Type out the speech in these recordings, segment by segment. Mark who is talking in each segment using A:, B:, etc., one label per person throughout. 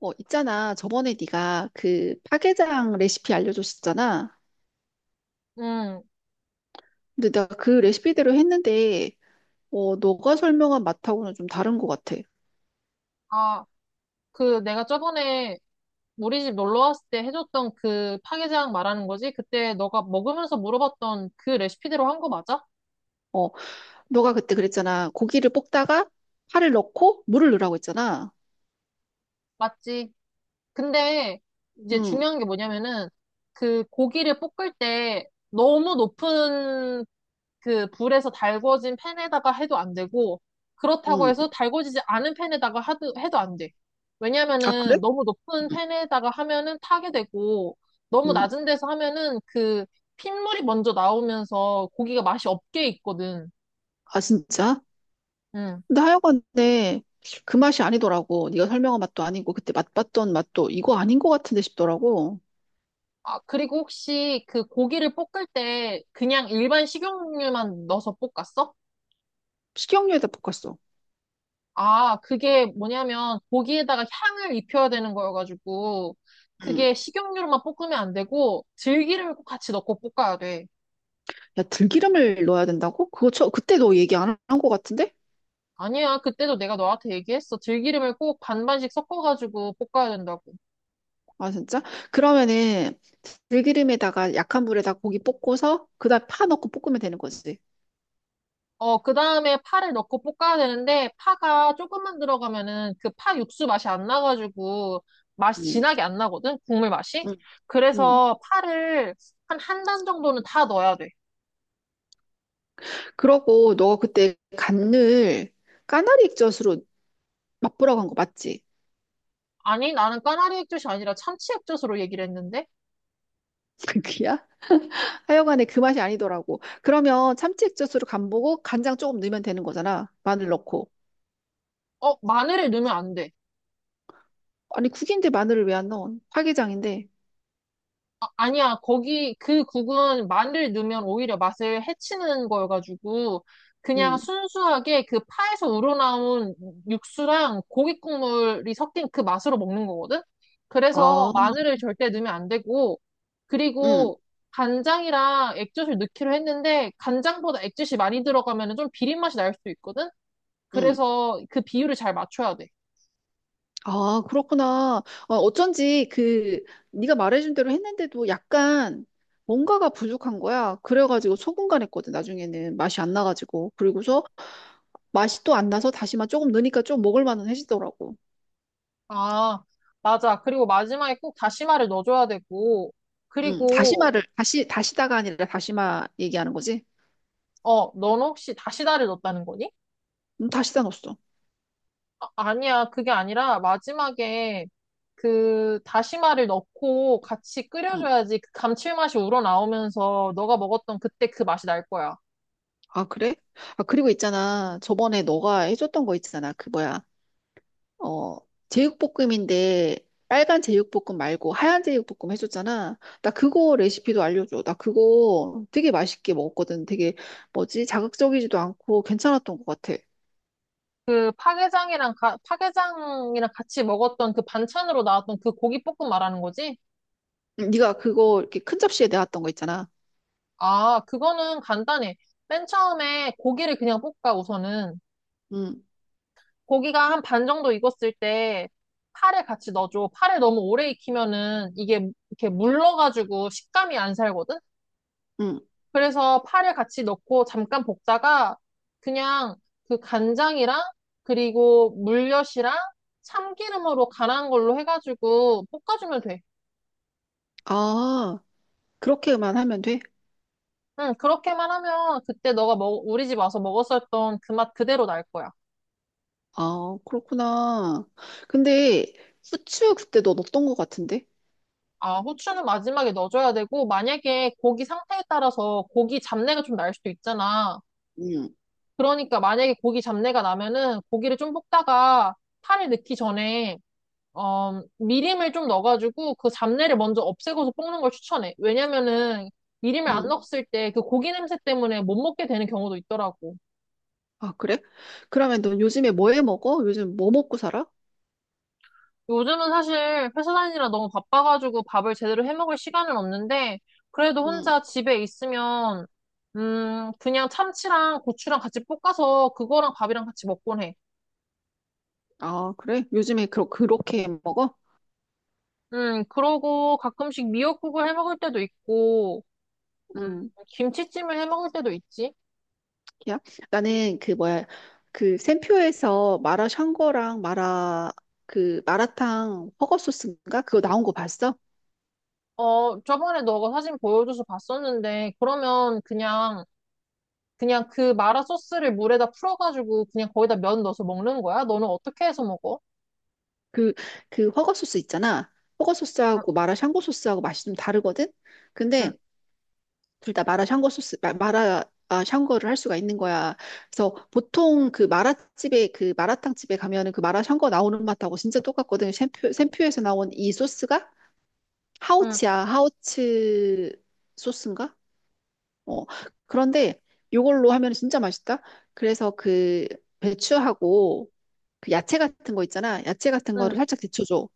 A: 있잖아. 저번에 네가 그 파게장 레시피 알려줬었잖아.
B: 응.
A: 근데 내가 그 레시피대로 했는데, 너가 설명한 맛하고는 좀 다른 것 같아.
B: 아, 그 내가 저번에 우리 집 놀러 왔을 때 해줬던 그 파게장 말하는 거지? 그때 너가 먹으면서 물어봤던 그 레시피대로 한 거 맞아?
A: 어, 너가 그때 그랬잖아. 고기를 볶다가 파를 넣고 물을 넣으라고 했잖아.
B: 맞지? 근데 이제
A: 응,
B: 중요한 게 뭐냐면은 그 고기를 볶을 때 너무 높은 그 불에서 달궈진 팬에다가 해도 안 되고, 그렇다고
A: 응.
B: 해서 달궈지지 않은 팬에다가 해도 안 돼.
A: 아, 그래?
B: 왜냐면은 너무 높은
A: 응,
B: 팬에다가 하면은 타게 되고, 너무
A: 응.
B: 낮은 데서 하면은 그 핏물이 먼저 나오면서 고기가 맛이 없게 있거든.
A: 아, 진짜?
B: 음.
A: 근데 하여간에 그 맛이 아니더라고. 네가 설명한 맛도 아니고 그때 맛봤던 맛도 이거 아닌 것 같은데 싶더라고.
B: 아, 그리고 혹시 그 고기를 볶을 때 그냥 일반 식용유만 넣어서 볶았어?
A: 식용유에다 볶았어.
B: 아, 그게 뭐냐면 고기에다가 향을 입혀야 되는 거여가지고
A: 응.
B: 그게 식용유로만 볶으면 안 되고 들기름을 꼭 같이 넣고 볶아야 돼.
A: 야, 들기름을 넣어야 된다고? 그거 저, 그때 너 얘기 안 한 것 같은데?
B: 아니야, 그때도 내가 너한테 얘기했어. 들기름을 꼭 반반씩 섞어가지고 볶아야 된다고.
A: 아, 진짜? 그러면은 들기름에다가 약한 불에다 고기 볶고서 그다음 파 넣고 볶으면 되는 거지.
B: 어, 그 다음에 파를 넣고 볶아야 되는데 파가 조금만 들어가면은 그 파 육수 맛이 안 나가지고 맛이
A: 음,
B: 진하게 안 나거든? 국물 맛이?
A: 음, 음.
B: 그래서 파를 한 한 단 정도는 다 넣어야 돼.
A: 그러고 너가 그때 간을 까나리 액젓으로 맛보라고 한 거 맞지?
B: 아니, 나는 까나리 액젓이 아니라 참치 액젓으로 얘기를 했는데?
A: 그게야? 하여간에 그 맛이 아니더라고. 그러면 참치 액젓으로 간 보고 간장 조금 넣으면 되는 거잖아. 마늘 넣고.
B: 어, 마늘을 넣으면 안 돼.
A: 아니, 국인데 마늘을 왜 안 넣어? 활기장인데.
B: 아, 니야 거기 그 국은 마늘을 넣으면 오히려 맛을 해치는 거여가지고 그냥
A: 음.
B: 순수하게 그 파에서 우러나온 육수랑 고기 국물이 섞인 그 맛으로 먹는 거거든? 그래서
A: 아,
B: 마늘을 절대 넣으면 안 되고
A: 응,
B: 그리고 간장이랑 액젓을 넣기로 했는데 간장보다 액젓이 많이 들어가면 좀 비린 맛이 날 수도 있거든?
A: 응.
B: 그래서 그 비율을 잘 맞춰야 돼.
A: 아, 그렇구나. 어쩐지 그 네가 말해준 대로 했는데도 약간 뭔가가 부족한 거야. 그래가지고 소금간했거든. 나중에는 맛이 안 나가지고 그리고서 맛이 또 안 나서 다시마 조금 넣으니까 좀 먹을 만은 해지더라고.
B: 아, 맞아. 그리고 마지막에 꼭 다시마를 넣어줘야 되고,
A: 응,
B: 그리고,
A: 다시마를 다시, 다시다가 아니라 다시마 얘기하는 거지?
B: 어, 넌 혹시 다시다를 넣었다는 거니?
A: 응, 다시다 넣었어.
B: 아, 아니야. 그게 아니라 마지막에 그 다시마를 넣고 같이
A: 응.
B: 끓여줘야지 그 감칠맛이 우러나오면서 너가 먹었던 그때 그 맛이 날 거야.
A: 아, 그래? 아, 그리고 있잖아. 저번에 너가 해줬던 거 있잖아. 그 뭐야? 어, 제육볶음인데 빨간 제육볶음 말고 하얀 제육볶음 해줬잖아. 나 그거 레시피도 알려줘. 나 그거 되게 맛있게 먹었거든. 되게 뭐지? 자극적이지도 않고 괜찮았던 것 같아.
B: 그 파게장이랑, 파게장이랑 같이 먹었던 그 반찬으로 나왔던 그 고기볶음 말하는 거지?
A: 응, 네가 그거 이렇게 큰 접시에 내놨던 거 있잖아.
B: 아, 그거는 간단해. 맨 처음에 고기를 그냥 볶아, 우선은.
A: 응,
B: 고기가 한 반 정도 익었을 때 파를 같이 넣어줘. 파를 너무 오래 익히면은 이게 이렇게 물러가지고 식감이 안 살거든?
A: 응.
B: 그래서 파를 같이 넣고 잠깐 볶다가 그냥 그 간장이랑 그리고 물엿이랑 참기름으로 간한 걸로 해가지고 볶아주면 돼.
A: 아, 그렇게만 하면 돼?
B: 응, 그렇게만 하면 그때 우리 집 와서 먹었었던 그 맛 그대로 날 거야.
A: 아, 그렇구나. 근데 후추 그때 너 넣었던 것 같은데?
B: 아, 후추는 마지막에 넣어줘야 되고, 만약에 고기 상태에 따라서 고기 잡내가 좀 날 수도 있잖아.
A: 응,
B: 그러니까 만약에 고기 잡내가 나면은 고기를 좀 볶다가 파를 넣기 전에 미림을 좀 넣어가지고 그 잡내를 먼저 없애고서 볶는 걸 추천해. 왜냐면은 미림을 안
A: 응.
B: 넣었을 때 그 고기 냄새 때문에 못 먹게 되는 경우도 있더라고.
A: 아, 그래? 그러면 넌 요즘에 뭐해 먹어? 요즘 뭐 먹고 살아?
B: 요즘은 사실 회사 다니느라 너무 바빠가지고 밥을 제대로 해 먹을 시간은 없는데 그래도
A: 음.
B: 혼자 집에 있으면 그냥 참치랑 고추랑 같이 볶아서 그거랑 밥이랑 같이 먹곤 해.
A: 아, 그래? 요즘에 그렇게 먹어?
B: 그러고 가끔씩 미역국을 해 먹을 때도 있고, 음,
A: 응,
B: 김치찜을 해 먹을 때도 있지.
A: 야. 나는 그 뭐야, 그 샘표에서 마라 샹궈랑 마라, 그 마라탕 허거 소스인가? 그거 나온 거 봤어?
B: 어, 저번에 너가 사진 보여줘서 봤었는데, 그러면 그냥, 그냥 그 마라 소스를 물에다 풀어가지고 그냥 거기다 면 넣어서 먹는 거야? 너는 어떻게 해서 먹어?
A: 그, 그 허거 소스 있잖아. 허거
B: 응,
A: 소스하고 마라 샹궈 소스하고 맛이 좀 다르거든?
B: 응,
A: 근데 둘 다 마라 샹궈 소스, 마라, 아, 샹궈를 할 수가 있는 거야. 그래서 보통 그 마라탕 집에 가면은 그 마라 샹궈 나오는 맛하고 진짜 똑같거든. 샘표에서 나온 이 소스가?
B: 응,
A: 하우츠야, 하우츠 소스인가? 어, 그런데 이걸로 하면 진짜 맛있다. 그래서 그 배추하고 그 야채 같은 거 있잖아. 야채 같은 거를
B: 응.
A: 살짝 데쳐줘.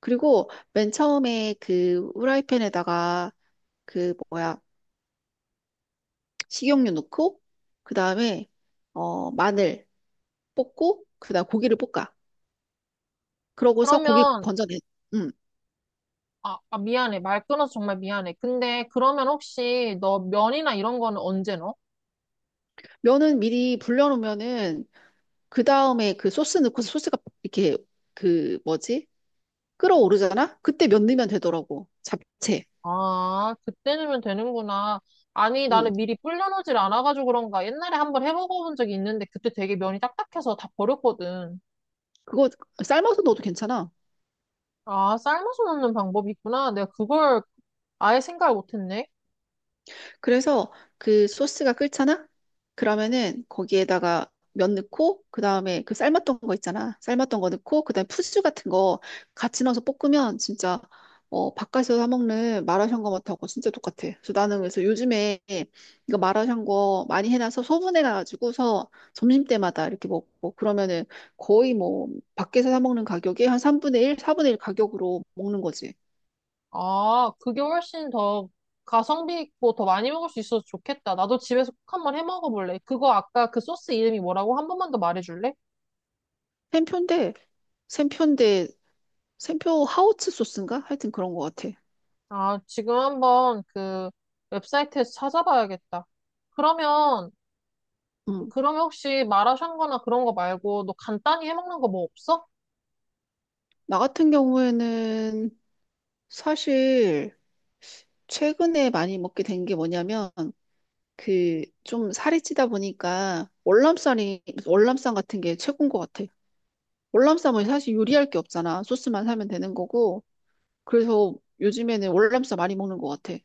A: 그리고 맨 처음에 그 후라이팬에다가 그 뭐야, 식용유 넣고, 그 다음에 마늘 볶고, 그 다음 고기를 볶아. 그러고서 고기
B: 그러면,
A: 건져내. 음.
B: 아, 아, 미안해. 말 끊어서 정말 미안해. 근데 그러면 혹시 너 면이나 이런 거는 언제 넣어?
A: 면은 미리 불려놓으면은 그 다음에 그 소스 넣고서 소스가 이렇게 그 뭐지? 끓어오르잖아? 그때 면 넣으면 되더라고. 잡채.
B: 아, 그때 넣으면 되는구나. 아니,
A: 응.
B: 나는 미리 불려놓질 않아가지고 그런가. 옛날에 한번 해먹어본 적이 있는데 그때 되게 면이 딱딱해서 다 버렸거든.
A: 그거 삶아서 넣어도 괜찮아.
B: 아, 삶아서 넣는 방법이 있구나. 내가 그걸 아예 생각을 못했네.
A: 그래서 그 소스가 끓잖아? 그러면은 거기에다가 면 넣고 그다음에 그 삶았던 거 있잖아. 삶았던 거 넣고 그다음에 푸즈 같은 거 같이 넣어서 볶으면 진짜 바깥에서 사 먹는 마라샹궈맛하고 진짜 똑같아. 그래서 요즘에 이거 마라샹궈 많이 해놔서 소분해 가지고서 점심때마다 이렇게 먹고 그러면은 거의 뭐 밖에서 사 먹는 가격의 한 3분의 1, 4분의 1 가격으로 먹는 거지.
B: 아, 그게 훨씬 더 가성비 있고 더 많이 먹을 수 있어서 좋겠다. 나도 집에서 꼭 한번 해 먹어볼래. 그거 아까 그 소스 이름이 뭐라고 한 번만 더 말해줄래?
A: 샘표인데 샘표 하우츠 소스인가? 하여튼 그런 것 같아.
B: 아, 지금 한번 그 웹사이트에서 찾아봐야겠다. 그러면
A: 음.
B: 그러면 혹시 마라샹궈나 그런 거 말고 너 간단히 해먹는 거 뭐 없어?
A: 나 같은 경우에는 사실 최근에 많이 먹게 된 게 뭐냐면 그 좀 살이 찌다 보니까 월남쌈 같은 게 최고인 것 같아. 월남쌈은 사실 요리할 게 없잖아. 소스만 사면 되는 거고. 그래서 요즘에는 월남쌈 많이 먹는 것 같아.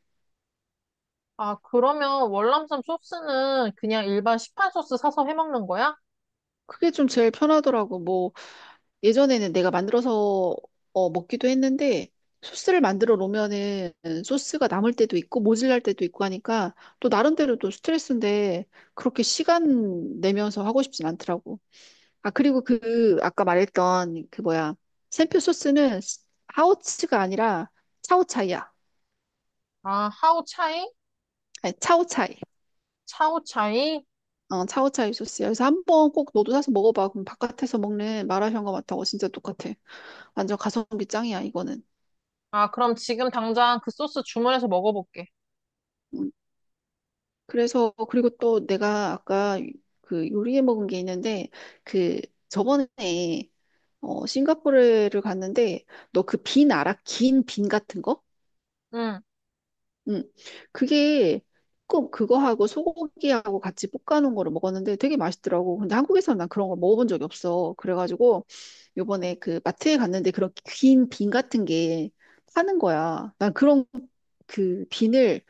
B: 아, 그러면 월남쌈 소스는 그냥 일반 시판 소스 사서 해먹는 거야?
A: 그게 좀 제일 편하더라고. 뭐 예전에는 내가 만들어서 먹기도 했는데 소스를 만들어 놓으면은 소스가 남을 때도 있고 모질랄 때도 있고 하니까 또 나름대로 또 스트레스인데 그렇게 시간 내면서 하고 싶진 않더라고. 아, 그리고 그 아까 말했던 그 뭐야 샘표 소스는 하오츠가 아니라 차오차이야.
B: 아, 하오차이?
A: 아니, 차오차이.
B: 차오차이?
A: 어, 차오차이 소스야. 그래서 한번 꼭 너도 사서 먹어봐. 그럼 바깥에서 먹는 마라샹궈 맛하고 진짜 똑같아. 완전 가성비 짱이야, 이거는.
B: 아, 그럼 지금 당장 그 소스 주문해서 먹어볼게.
A: 음. 그래서 그리고 또 내가 아까 그 요리해 먹은 게 있는데 그 저번에 싱가포르를 갔는데 너 그 빈 알아? 긴 빈 같은 거?
B: 응.
A: 응. 그게 꼭 그거하고 소고기하고 같이 볶아놓은 거를 먹었는데 되게 맛있더라고. 근데 한국에서는 난 그런 거 먹어본 적이 없어. 그래가지고 요번에 그 마트에 갔는데 그런 긴 빈 같은 게 파는 거야. 난 그런 그 비늘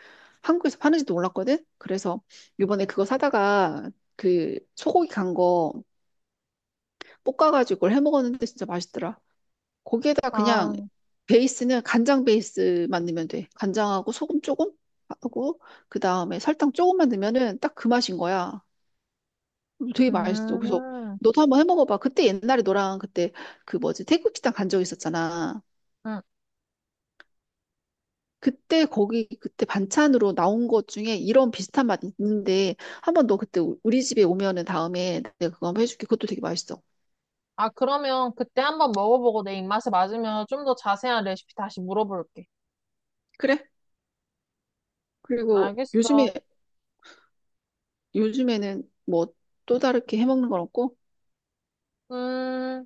A: 한국에서 파는지도 몰랐거든? 그래서 이번에 그거 사다가 그 소고기 간 거 볶아가지고 그걸 해 먹었는데 진짜 맛있더라. 거기에다 그냥
B: 아,
A: 베이스는 간장 베이스만 넣으면 돼. 간장하고 소금 조금 하고 그 다음에 설탕 조금만 넣으면은 딱 그 맛인 거야. 되게 맛있어. 그래서
B: 음.
A: 너도 한번 해 먹어봐. 그때 옛날에 너랑 그때 그 뭐지 태국 식당 간 적 있었잖아.
B: 응.
A: 그때 거기 그때 반찬으로 나온 것 중에 이런 비슷한 맛 있는데 한번 너 그때 우리 집에 오면은 다음에 내가 그거 한번 해줄게. 그것도 되게 맛있어.
B: 아, 그러면 그때 한번 먹어보고 내 입맛에 맞으면 좀 더 자세한 레시피 다시 물어볼게.
A: 그래? 그리고
B: 알겠어.
A: 요즘에 요즘에는 뭐 또 다르게 해 먹는 건 없고
B: 음.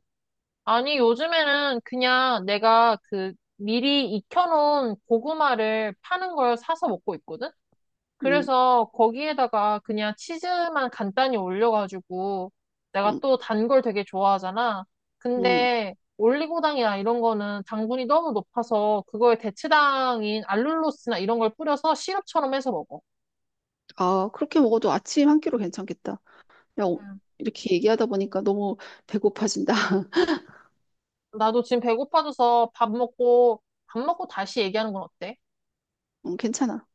B: 아니, 요즘에는 그냥 내가 그 미리 익혀놓은 고구마를 파는 걸 사서 먹고 있거든?
A: 음,
B: 그래서 거기에다가 그냥 치즈만 간단히 올려가지고 내가
A: 음,
B: 또 단 걸 되게 좋아하잖아.
A: 음.
B: 근데 올리고당이나 이런 거는 당분이 너무 높아서 그거에 대체당인 알룰로스나 이런 걸 뿌려서 시럽처럼 해서 먹어.
A: 아, 그렇게 먹어도 아침 한 끼로 괜찮겠다. 야,
B: 음.
A: 이렇게 얘기하다 보니까 너무 배고파진다.
B: 나도 지금 배고파져서 밥 먹고, 밥 먹고 다시 얘기하는 건 어때?
A: 괜찮아.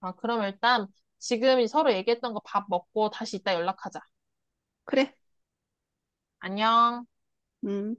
B: 아, 그럼 일단 지금 서로 얘기했던 거 밥 먹고 다시 이따 연락하자.
A: 그래.
B: 안녕.
A: 음.